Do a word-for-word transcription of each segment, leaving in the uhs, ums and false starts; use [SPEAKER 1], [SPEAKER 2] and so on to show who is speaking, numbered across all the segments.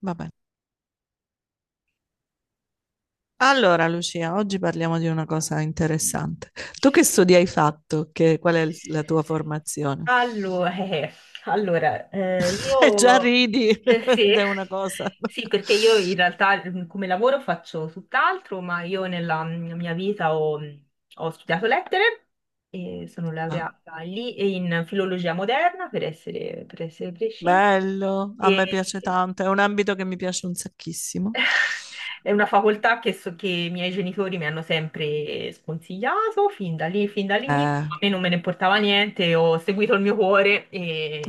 [SPEAKER 1] Vabbè. Allora, Lucia, oggi parliamo di una cosa interessante. Tu che studi hai fatto? Che- qual è il- la tua formazione?
[SPEAKER 2] Allora, eh, allora, eh,
[SPEAKER 1] E già
[SPEAKER 2] io
[SPEAKER 1] ridi
[SPEAKER 2] eh, sì,
[SPEAKER 1] ed è una cosa.
[SPEAKER 2] sì, perché io in realtà mm, come lavoro faccio tutt'altro, ma io nella mm, mia vita ho, mm, ho studiato lettere e sono
[SPEAKER 1] Ah,
[SPEAKER 2] laureata lì e in filologia moderna, per essere, per essere precisi.
[SPEAKER 1] bello, a me piace
[SPEAKER 2] E
[SPEAKER 1] tanto, è un ambito che mi piace un sacchissimo.
[SPEAKER 2] è una facoltà che, so, che i miei genitori mi hanno sempre sconsigliato, fin da lì, fin dall'inizio,
[SPEAKER 1] Eh,
[SPEAKER 2] a me non me ne importava niente, ho seguito il mio cuore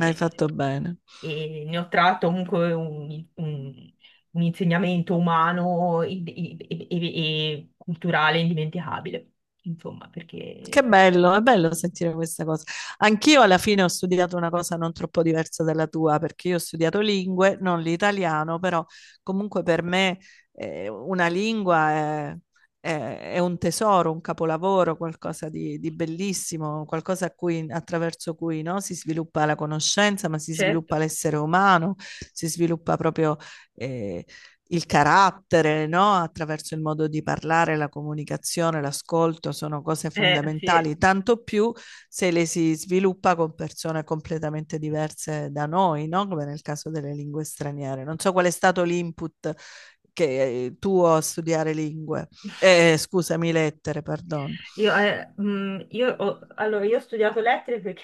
[SPEAKER 1] hai fatto bene.
[SPEAKER 2] E ne ho tratto comunque un, un- un insegnamento umano e, e- e- e culturale indimenticabile, insomma,
[SPEAKER 1] Che
[SPEAKER 2] perché...
[SPEAKER 1] bello, è bello sentire questa cosa. Anch'io alla fine ho studiato una cosa non troppo diversa dalla tua, perché io ho studiato lingue, non l'italiano, però comunque per me eh, una lingua è, è- è un tesoro, un capolavoro, qualcosa di, di bellissimo, qualcosa a cui- attraverso cui no, si sviluppa la conoscenza, ma si
[SPEAKER 2] Certo,
[SPEAKER 1] sviluppa l'essere umano, si sviluppa proprio eh, il carattere, no? Attraverso il modo di parlare, la comunicazione, l'ascolto sono cose
[SPEAKER 2] eh, sì.
[SPEAKER 1] fondamentali, tanto più se le si sviluppa con persone completamente diverse da noi, no? Come nel caso delle lingue straniere. Non so qual è stato l'input che tuo a studiare lingue, eh, scusami, lettere, perdono.
[SPEAKER 2] Io, eh, mh, io ho, allora, io ho studiato lettere perché,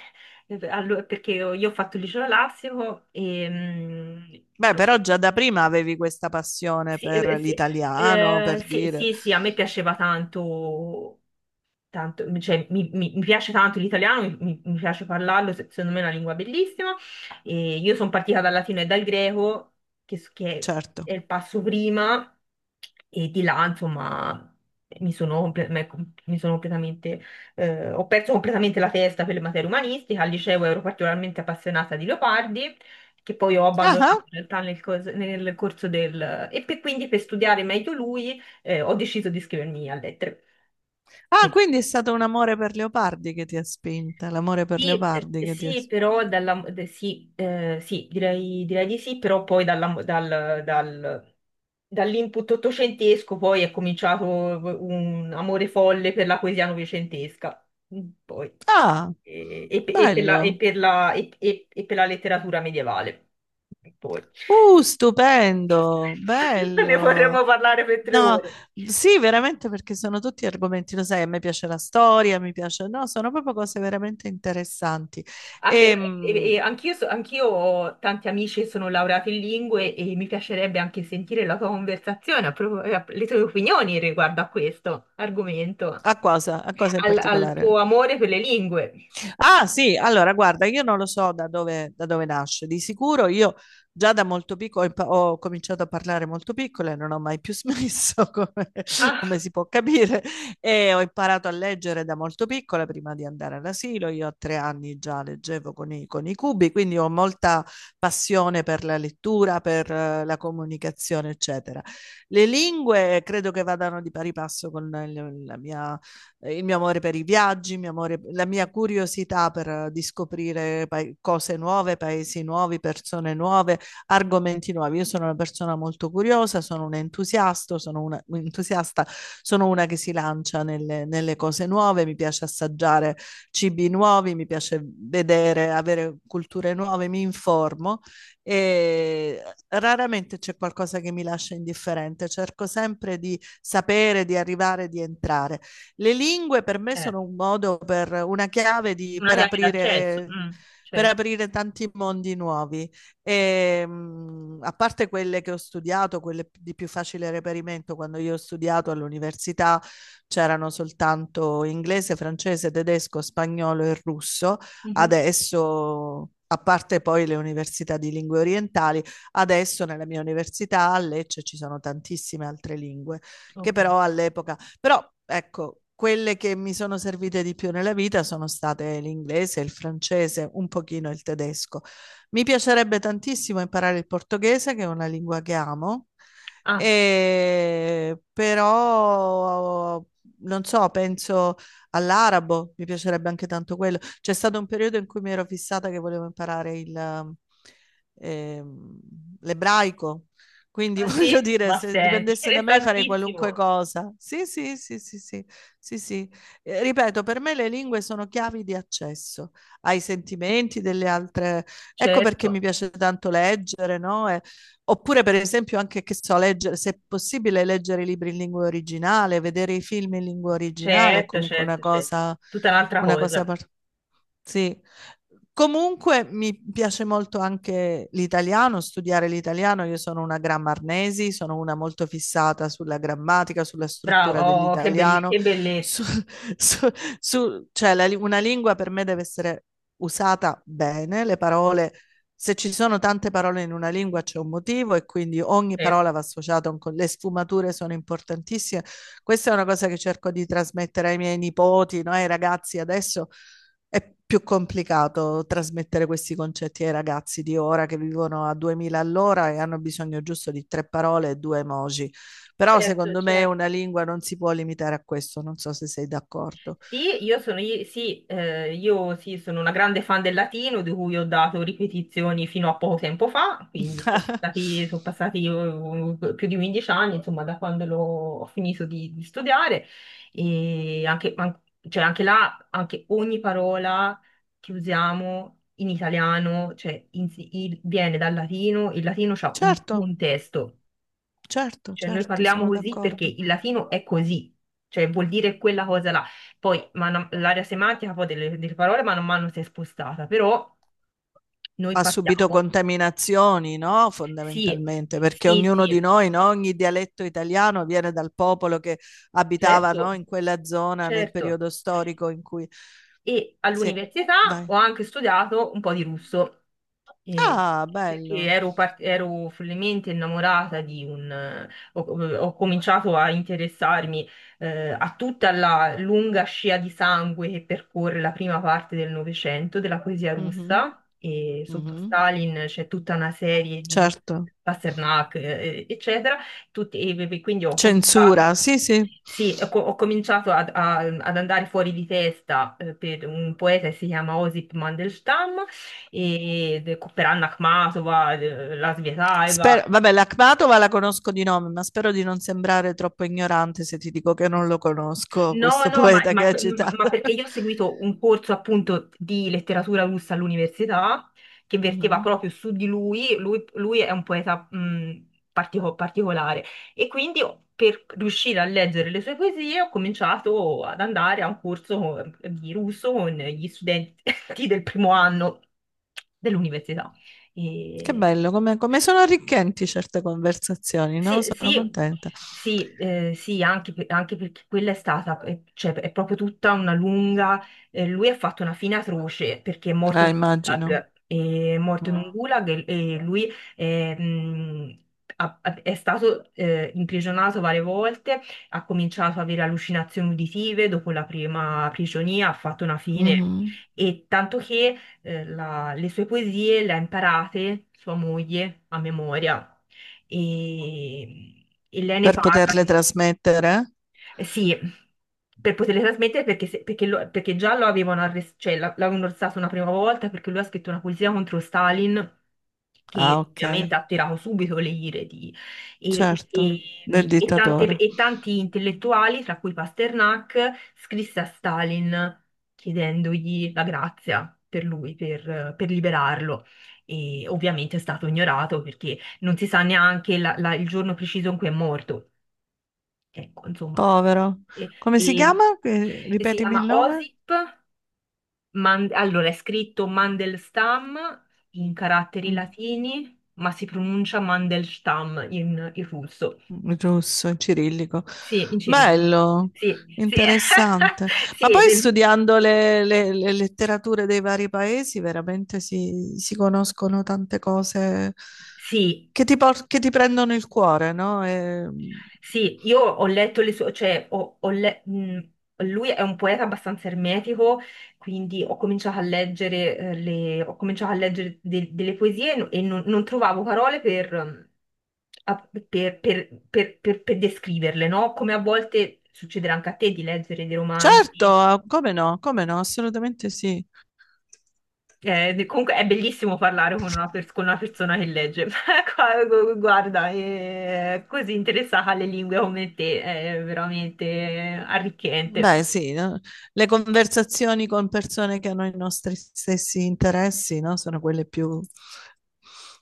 [SPEAKER 2] eh, allo- perché io, io ho fatto il liceo classico e... mh,
[SPEAKER 1] Beh,
[SPEAKER 2] però-
[SPEAKER 1] però già da prima avevi questa passione
[SPEAKER 2] sì,
[SPEAKER 1] per
[SPEAKER 2] eh, sì,
[SPEAKER 1] l'italiano,
[SPEAKER 2] eh,
[SPEAKER 1] per
[SPEAKER 2] sì,
[SPEAKER 1] dire,
[SPEAKER 2] sì, sì, a me piaceva tanto tanto, cioè, mi, mi- mi piace tanto l'italiano, mi, mi- mi piace parlarlo, se- secondo me è una lingua bellissima. E io sono partita dal latino e dal greco, che, s- che
[SPEAKER 1] certo.
[SPEAKER 2] è il passo prima, e di là, insomma, mi sono, comple- me- com- mi sono completamente, eh, ho perso completamente la testa per le materie umanistiche. Al liceo ero particolarmente appassionata di Leopardi. Che poi ho abbandonato
[SPEAKER 1] Ah,
[SPEAKER 2] in realtà nel, cos- nel corso del... E per- quindi per studiare meglio lui eh, ho deciso di iscrivermi a lettere.
[SPEAKER 1] Ah, quindi è stato un amore per Leopardi che ti ha spinta, l'amore per
[SPEAKER 2] Sì, eh,
[SPEAKER 1] Leopardi che ti ha
[SPEAKER 2] sì,
[SPEAKER 1] spinta.
[SPEAKER 2] però dalla, de- sì, eh, sì, direi, direi di sì, però poi dalla- dal- dal- dall'input ottocentesco poi è cominciato un amore folle per la poesia novecentesca. Mm, poi,
[SPEAKER 1] Ah,
[SPEAKER 2] e, e pe- e per la, e
[SPEAKER 1] bello.
[SPEAKER 2] per la- e- e- e per la letteratura medievale. Poi.
[SPEAKER 1] Uh, stupendo,
[SPEAKER 2] Ne
[SPEAKER 1] bello.
[SPEAKER 2] potremmo parlare per tre
[SPEAKER 1] No,
[SPEAKER 2] ore.
[SPEAKER 1] sì, veramente perché sono tutti argomenti, lo sai, a me piace la storia, mi piace, no, sono proprio cose veramente interessanti.
[SPEAKER 2] Anche,
[SPEAKER 1] E,
[SPEAKER 2] e-
[SPEAKER 1] mh,
[SPEAKER 2] e anch'io, so- anch'io ho tanti amici che sono laureati in lingue e mi piacerebbe anche sentire la tua conversazione, a propos- eh, le tue opinioni riguardo a questo argomento,
[SPEAKER 1] a cosa, a cosa in
[SPEAKER 2] al, al
[SPEAKER 1] particolare?
[SPEAKER 2] tuo amore per le lingue.
[SPEAKER 1] Ah, sì, allora guarda, io non lo so da dove, da dove nasce. Di sicuro io già da molto piccolo ho impa- ho cominciato a parlare molto piccola e non ho mai più smesso, come,
[SPEAKER 2] Ah,
[SPEAKER 1] come si può capire. E ho imparato a leggere da molto piccola prima di andare all'asilo. Io a tre anni già leggevo con i, con i cubi, quindi ho molta passione per la lettura, per eh, la comunicazione, eccetera. Le lingue credo che vadano di pari passo con il- la mia eh, il mio amore per i viaggi, il mio amore- la mia curiosità per eh, di scoprire pa- cose nuove, paesi nuovi, persone nuove, argomenti nuovi. Io sono una persona molto curiosa, sono un entusiasta, sono una, un entusiasta, sono una che si lancia nelle, nelle cose nuove, mi piace assaggiare cibi nuovi, mi piace vedere, avere culture nuove, mi informo e raramente c'è qualcosa che mi lascia indifferente, cerco sempre di sapere, di arrivare, di entrare. Le lingue per me
[SPEAKER 2] eh,
[SPEAKER 1] sono un modo per una chiave di-
[SPEAKER 2] una
[SPEAKER 1] per
[SPEAKER 2] chiave d'accesso,
[SPEAKER 1] aprire,
[SPEAKER 2] mm,
[SPEAKER 1] per
[SPEAKER 2] certo.
[SPEAKER 1] aprire tanti mondi nuovi. E, mh, a parte quelle che ho studiato, quelle di più facile reperimento, quando io ho studiato all'università c'erano soltanto inglese, francese, tedesco, spagnolo e russo.
[SPEAKER 2] Mhm,
[SPEAKER 1] Adesso, a parte poi le università di lingue orientali, adesso nella mia università a Lecce ci sono tantissime altre lingue che
[SPEAKER 2] ok.
[SPEAKER 1] però all'epoca però ecco, quelle che mi sono servite di più nella vita sono state l'inglese, il francese, un pochino il tedesco. Mi piacerebbe tantissimo imparare il portoghese, che è una lingua che amo,
[SPEAKER 2] Ah,
[SPEAKER 1] e però non so, penso all'arabo, mi piacerebbe anche tanto quello. C'è stato un periodo in cui mi ero fissata che volevo imparare il, ehm, l'ebraico, quindi
[SPEAKER 2] ah, sì?
[SPEAKER 1] voglio dire,
[SPEAKER 2] Ma
[SPEAKER 1] se
[SPEAKER 2] sei
[SPEAKER 1] dipendesse da me farei qualunque
[SPEAKER 2] interessantissimo.
[SPEAKER 1] cosa. Sì, sì, sì, sì, sì, sì, sì. Eh, ripeto, per me le lingue sono chiavi di accesso ai sentimenti delle altre. Ecco perché mi
[SPEAKER 2] Certo,
[SPEAKER 1] piace tanto leggere, no? E- oppure, per esempio, anche che so, leggere, se è possibile, leggere i libri in lingua originale, vedere i film in lingua originale è
[SPEAKER 2] certo,
[SPEAKER 1] comunque una
[SPEAKER 2] certo, certo.
[SPEAKER 1] cosa,
[SPEAKER 2] Tutta un'altra
[SPEAKER 1] una cosa
[SPEAKER 2] cosa.
[SPEAKER 1] par- sì. Comunque mi piace molto anche l'italiano, studiare l'italiano. Io sono una grammarnesi, sono una molto fissata sulla grammatica, sulla
[SPEAKER 2] Bravo,
[SPEAKER 1] struttura
[SPEAKER 2] oh, che belle-
[SPEAKER 1] dell'italiano.
[SPEAKER 2] che bellezza.
[SPEAKER 1] su- su- su- cioè la li- una lingua per me deve essere usata bene, le parole, se ci sono tante parole in una lingua c'è un motivo e quindi ogni parola
[SPEAKER 2] Certo,
[SPEAKER 1] va associata a un, co- Le sfumature sono importantissime. Questa è una cosa che cerco di trasmettere ai miei nipoti, no? Ai ragazzi adesso è più complicato trasmettere questi concetti ai ragazzi di ora che vivono a duemila all'ora e hanno bisogno giusto di tre parole e due emoji. Però
[SPEAKER 2] certo,
[SPEAKER 1] secondo me
[SPEAKER 2] certo.
[SPEAKER 1] una lingua non si può limitare a questo, non so se sei d'accordo.
[SPEAKER 2] Sì, io sono, i- sì, eh, io sì, sono una grande fan del latino, di cui ho dato ripetizioni fino a poco tempo fa, quindi sono stati- sono passati, eh, più di quindici anni, insomma, da quando l'ho- ho finito di, di studiare. E anche, an- cioè, anche là, anche ogni parola che usiamo in italiano, cioè, in- il- viene dal latino, il latino ha un
[SPEAKER 1] Certo,
[SPEAKER 2] contesto,
[SPEAKER 1] certo,
[SPEAKER 2] cioè, noi
[SPEAKER 1] certo,
[SPEAKER 2] parliamo
[SPEAKER 1] sono
[SPEAKER 2] così perché
[SPEAKER 1] d'accordo.
[SPEAKER 2] il latino è così, cioè vuol dire quella cosa là. Poi mano- l'area semantica poi delle, delle parole mano a mano si è spostata, però noi
[SPEAKER 1] Ha subito
[SPEAKER 2] partiamo.
[SPEAKER 1] contaminazioni, no?
[SPEAKER 2] Sì,
[SPEAKER 1] Fondamentalmente, perché
[SPEAKER 2] sì,
[SPEAKER 1] ognuno
[SPEAKER 2] sì,
[SPEAKER 1] di noi, no? Ogni dialetto italiano viene dal popolo che abitava,
[SPEAKER 2] certo,
[SPEAKER 1] no? In quella zona nel
[SPEAKER 2] certo.
[SPEAKER 1] periodo storico in cui
[SPEAKER 2] E
[SPEAKER 1] sì, è-
[SPEAKER 2] all'università
[SPEAKER 1] vai.
[SPEAKER 2] ho anche studiato un po' di russo, eh,
[SPEAKER 1] Ah,
[SPEAKER 2] perché
[SPEAKER 1] bello.
[SPEAKER 2] ero, par- ero follemente innamorata di un... eh, Ho, ho cominciato a interessarmi eh, a tutta la lunga scia di sangue che percorre la prima parte del Novecento della poesia
[SPEAKER 1] Mhm,
[SPEAKER 2] russa, e sotto
[SPEAKER 1] mhm.
[SPEAKER 2] Stalin c'è tutta una serie di
[SPEAKER 1] Certo.
[SPEAKER 2] Pasternak, eh, eccetera, tutti- e e quindi ho
[SPEAKER 1] Censura,
[SPEAKER 2] cominciato...
[SPEAKER 1] sì, sì.
[SPEAKER 2] Sì, ho, co- ho cominciato ad, a- ad andare fuori di testa eh, per un poeta che si chiama Osip Mandelstam, e, de- per Anna Akhmatova, eh, la
[SPEAKER 1] Spero,
[SPEAKER 2] Svetaeva.
[SPEAKER 1] vabbè, l'Akhmatova la conosco di nome, ma spero di non sembrare troppo ignorante se ti dico che non lo conosco,
[SPEAKER 2] No,
[SPEAKER 1] questo
[SPEAKER 2] no, ma,
[SPEAKER 1] poeta che
[SPEAKER 2] ma-
[SPEAKER 1] hai
[SPEAKER 2] ma
[SPEAKER 1] citato.
[SPEAKER 2] perché io ho seguito un corso appunto di letteratura russa all'università che verteva
[SPEAKER 1] Mhm.
[SPEAKER 2] proprio su di lui, lui, lui è un poeta mh, partico- particolare e quindi ho- per riuscire a leggere le sue poesie ho cominciato ad andare a un corso ehm, di russo con gli studenti del primo anno dell'università.
[SPEAKER 1] Che
[SPEAKER 2] E...
[SPEAKER 1] bello, come, come sono arricchenti certe conversazioni, no?
[SPEAKER 2] Sì,
[SPEAKER 1] Sono
[SPEAKER 2] sì,
[SPEAKER 1] contenta.
[SPEAKER 2] sì, eh, sì, anche, per- anche perché quella è stata, eh, cioè, è proprio tutta una lunga, eh, lui ha fatto una fine atroce perché è morto
[SPEAKER 1] Ah,
[SPEAKER 2] in un
[SPEAKER 1] immagino.
[SPEAKER 2] gulag, eh, è morto in un gulag e, e lui eh, mh, ha- ha- è stato eh, imprigionato varie volte, ha cominciato ad avere allucinazioni uditive, dopo la prima prigionia ha fatto una fine
[SPEAKER 1] Mhm.
[SPEAKER 2] e tanto che eh, la- le sue poesie le ha imparate sua moglie a memoria e, e lei ne
[SPEAKER 1] Per
[SPEAKER 2] parla.
[SPEAKER 1] poterle trasmettere?
[SPEAKER 2] Eh sì, per poterle trasmettere perché, se- perché lo- perché già lo avevano arrestato, cioè la- l'avevano arrestato una prima volta perché lui ha scritto una poesia contro Stalin
[SPEAKER 1] Ah,
[SPEAKER 2] che
[SPEAKER 1] ok.
[SPEAKER 2] ovviamente ha attirato subito le ire di, e,
[SPEAKER 1] Certo, del
[SPEAKER 2] e- e tante-
[SPEAKER 1] dittatore.
[SPEAKER 2] e tanti intellettuali, tra cui Pasternak, scrisse a Stalin chiedendogli la grazia per lui, per, per liberarlo. E ovviamente è stato ignorato perché non si sa neanche la- la- il giorno preciso in cui è morto. Ecco, insomma,
[SPEAKER 1] Povero.
[SPEAKER 2] e,
[SPEAKER 1] Come si
[SPEAKER 2] e-
[SPEAKER 1] chiama? Eh,
[SPEAKER 2] e si
[SPEAKER 1] Ripetimi il
[SPEAKER 2] chiama
[SPEAKER 1] nome?
[SPEAKER 2] OSIP, Man- allora è scritto Mandelstam in caratteri
[SPEAKER 1] Mm,
[SPEAKER 2] latini, ma si pronuncia Mandelstam in, in russo.
[SPEAKER 1] russo, cirillico.
[SPEAKER 2] Sì, in cirillico.
[SPEAKER 1] Bello,
[SPEAKER 2] Sì, sì,
[SPEAKER 1] interessante. Ma
[SPEAKER 2] sì,
[SPEAKER 1] poi
[SPEAKER 2] le-
[SPEAKER 1] studiando le, le- le letterature dei vari paesi, veramente si, si conoscono tante cose
[SPEAKER 2] sì,
[SPEAKER 1] che ti, por- che ti prendono il cuore, no? E-
[SPEAKER 2] sì. Io ho letto le sue, cioè ho, ho le- mh, lui è un poeta abbastanza ermetico, quindi ho cominciato a leggere, eh, le, ho cominciato a leggere de- delle poesie e no- e non, non trovavo parole per, ehm, a- per- per- per- per- per descriverle, no? Come a volte succederà anche a te di leggere dei
[SPEAKER 1] certo,
[SPEAKER 2] romanzi.
[SPEAKER 1] ah, come no, come no, assolutamente sì.
[SPEAKER 2] Eh, di- comunque è bellissimo parlare con una, pers- con una persona che legge, Qua- gu- guarda, è così interessata alle lingue come te, è veramente arricchente.
[SPEAKER 1] Beh, sì, no? Le conversazioni con persone che hanno i nostri stessi interessi, no? Sono quelle più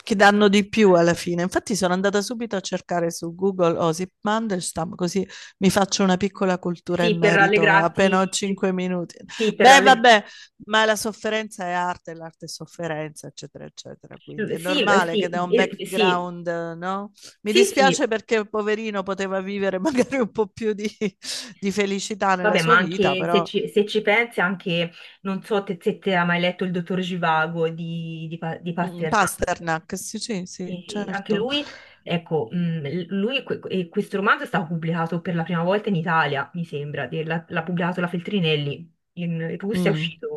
[SPEAKER 1] che danno di più alla fine. Infatti sono andata subito a cercare su Google Osip Mandelstam, così mi faccio una piccola cultura in
[SPEAKER 2] Sì, per
[SPEAKER 1] merito, appena ho
[SPEAKER 2] rallegrarti,
[SPEAKER 1] cinque minuti.
[SPEAKER 2] sì, per
[SPEAKER 1] Beh,
[SPEAKER 2] ralleg-
[SPEAKER 1] vabbè, ma la sofferenza è arte, l'arte è sofferenza, eccetera, eccetera. Quindi è
[SPEAKER 2] sì,
[SPEAKER 1] normale che da
[SPEAKER 2] sì,
[SPEAKER 1] un
[SPEAKER 2] eh, sì,
[SPEAKER 1] background, eh, no? Mi
[SPEAKER 2] sì,
[SPEAKER 1] dispiace
[SPEAKER 2] sì.
[SPEAKER 1] perché poverino poteva vivere magari un po' più di, di felicità nella
[SPEAKER 2] Vabbè, ma
[SPEAKER 1] sua vita,
[SPEAKER 2] anche se
[SPEAKER 1] però
[SPEAKER 2] ci, se ci pensi, anche, non so te- se te hai mai letto il dottor Givago di, di, Pa- di
[SPEAKER 1] mm,
[SPEAKER 2] Pasternak.
[SPEAKER 1] Pasternak, sì, sì, sì,
[SPEAKER 2] E anche
[SPEAKER 1] certo.
[SPEAKER 2] lui, ecco, mh, l- lui, que- e questo romanzo è stato pubblicato per la prima volta in Italia, mi sembra, de- l'ha l'ha pubblicato la Feltrinelli, in Russia è
[SPEAKER 1] Mm,
[SPEAKER 2] uscito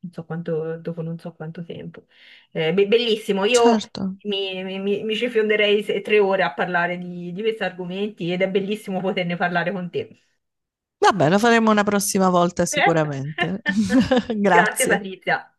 [SPEAKER 2] non so quanto, dopo non so quanto tempo. Eh, be- bellissimo, io
[SPEAKER 1] certo.
[SPEAKER 2] mi, mi, mi- mi ci fionderei se- tre ore a parlare di, di questi argomenti ed è bellissimo poterne parlare con te.
[SPEAKER 1] Va bene, lo faremo una prossima volta
[SPEAKER 2] Certo.
[SPEAKER 1] sicuramente.
[SPEAKER 2] Grazie
[SPEAKER 1] Grazie.
[SPEAKER 2] Patrizia.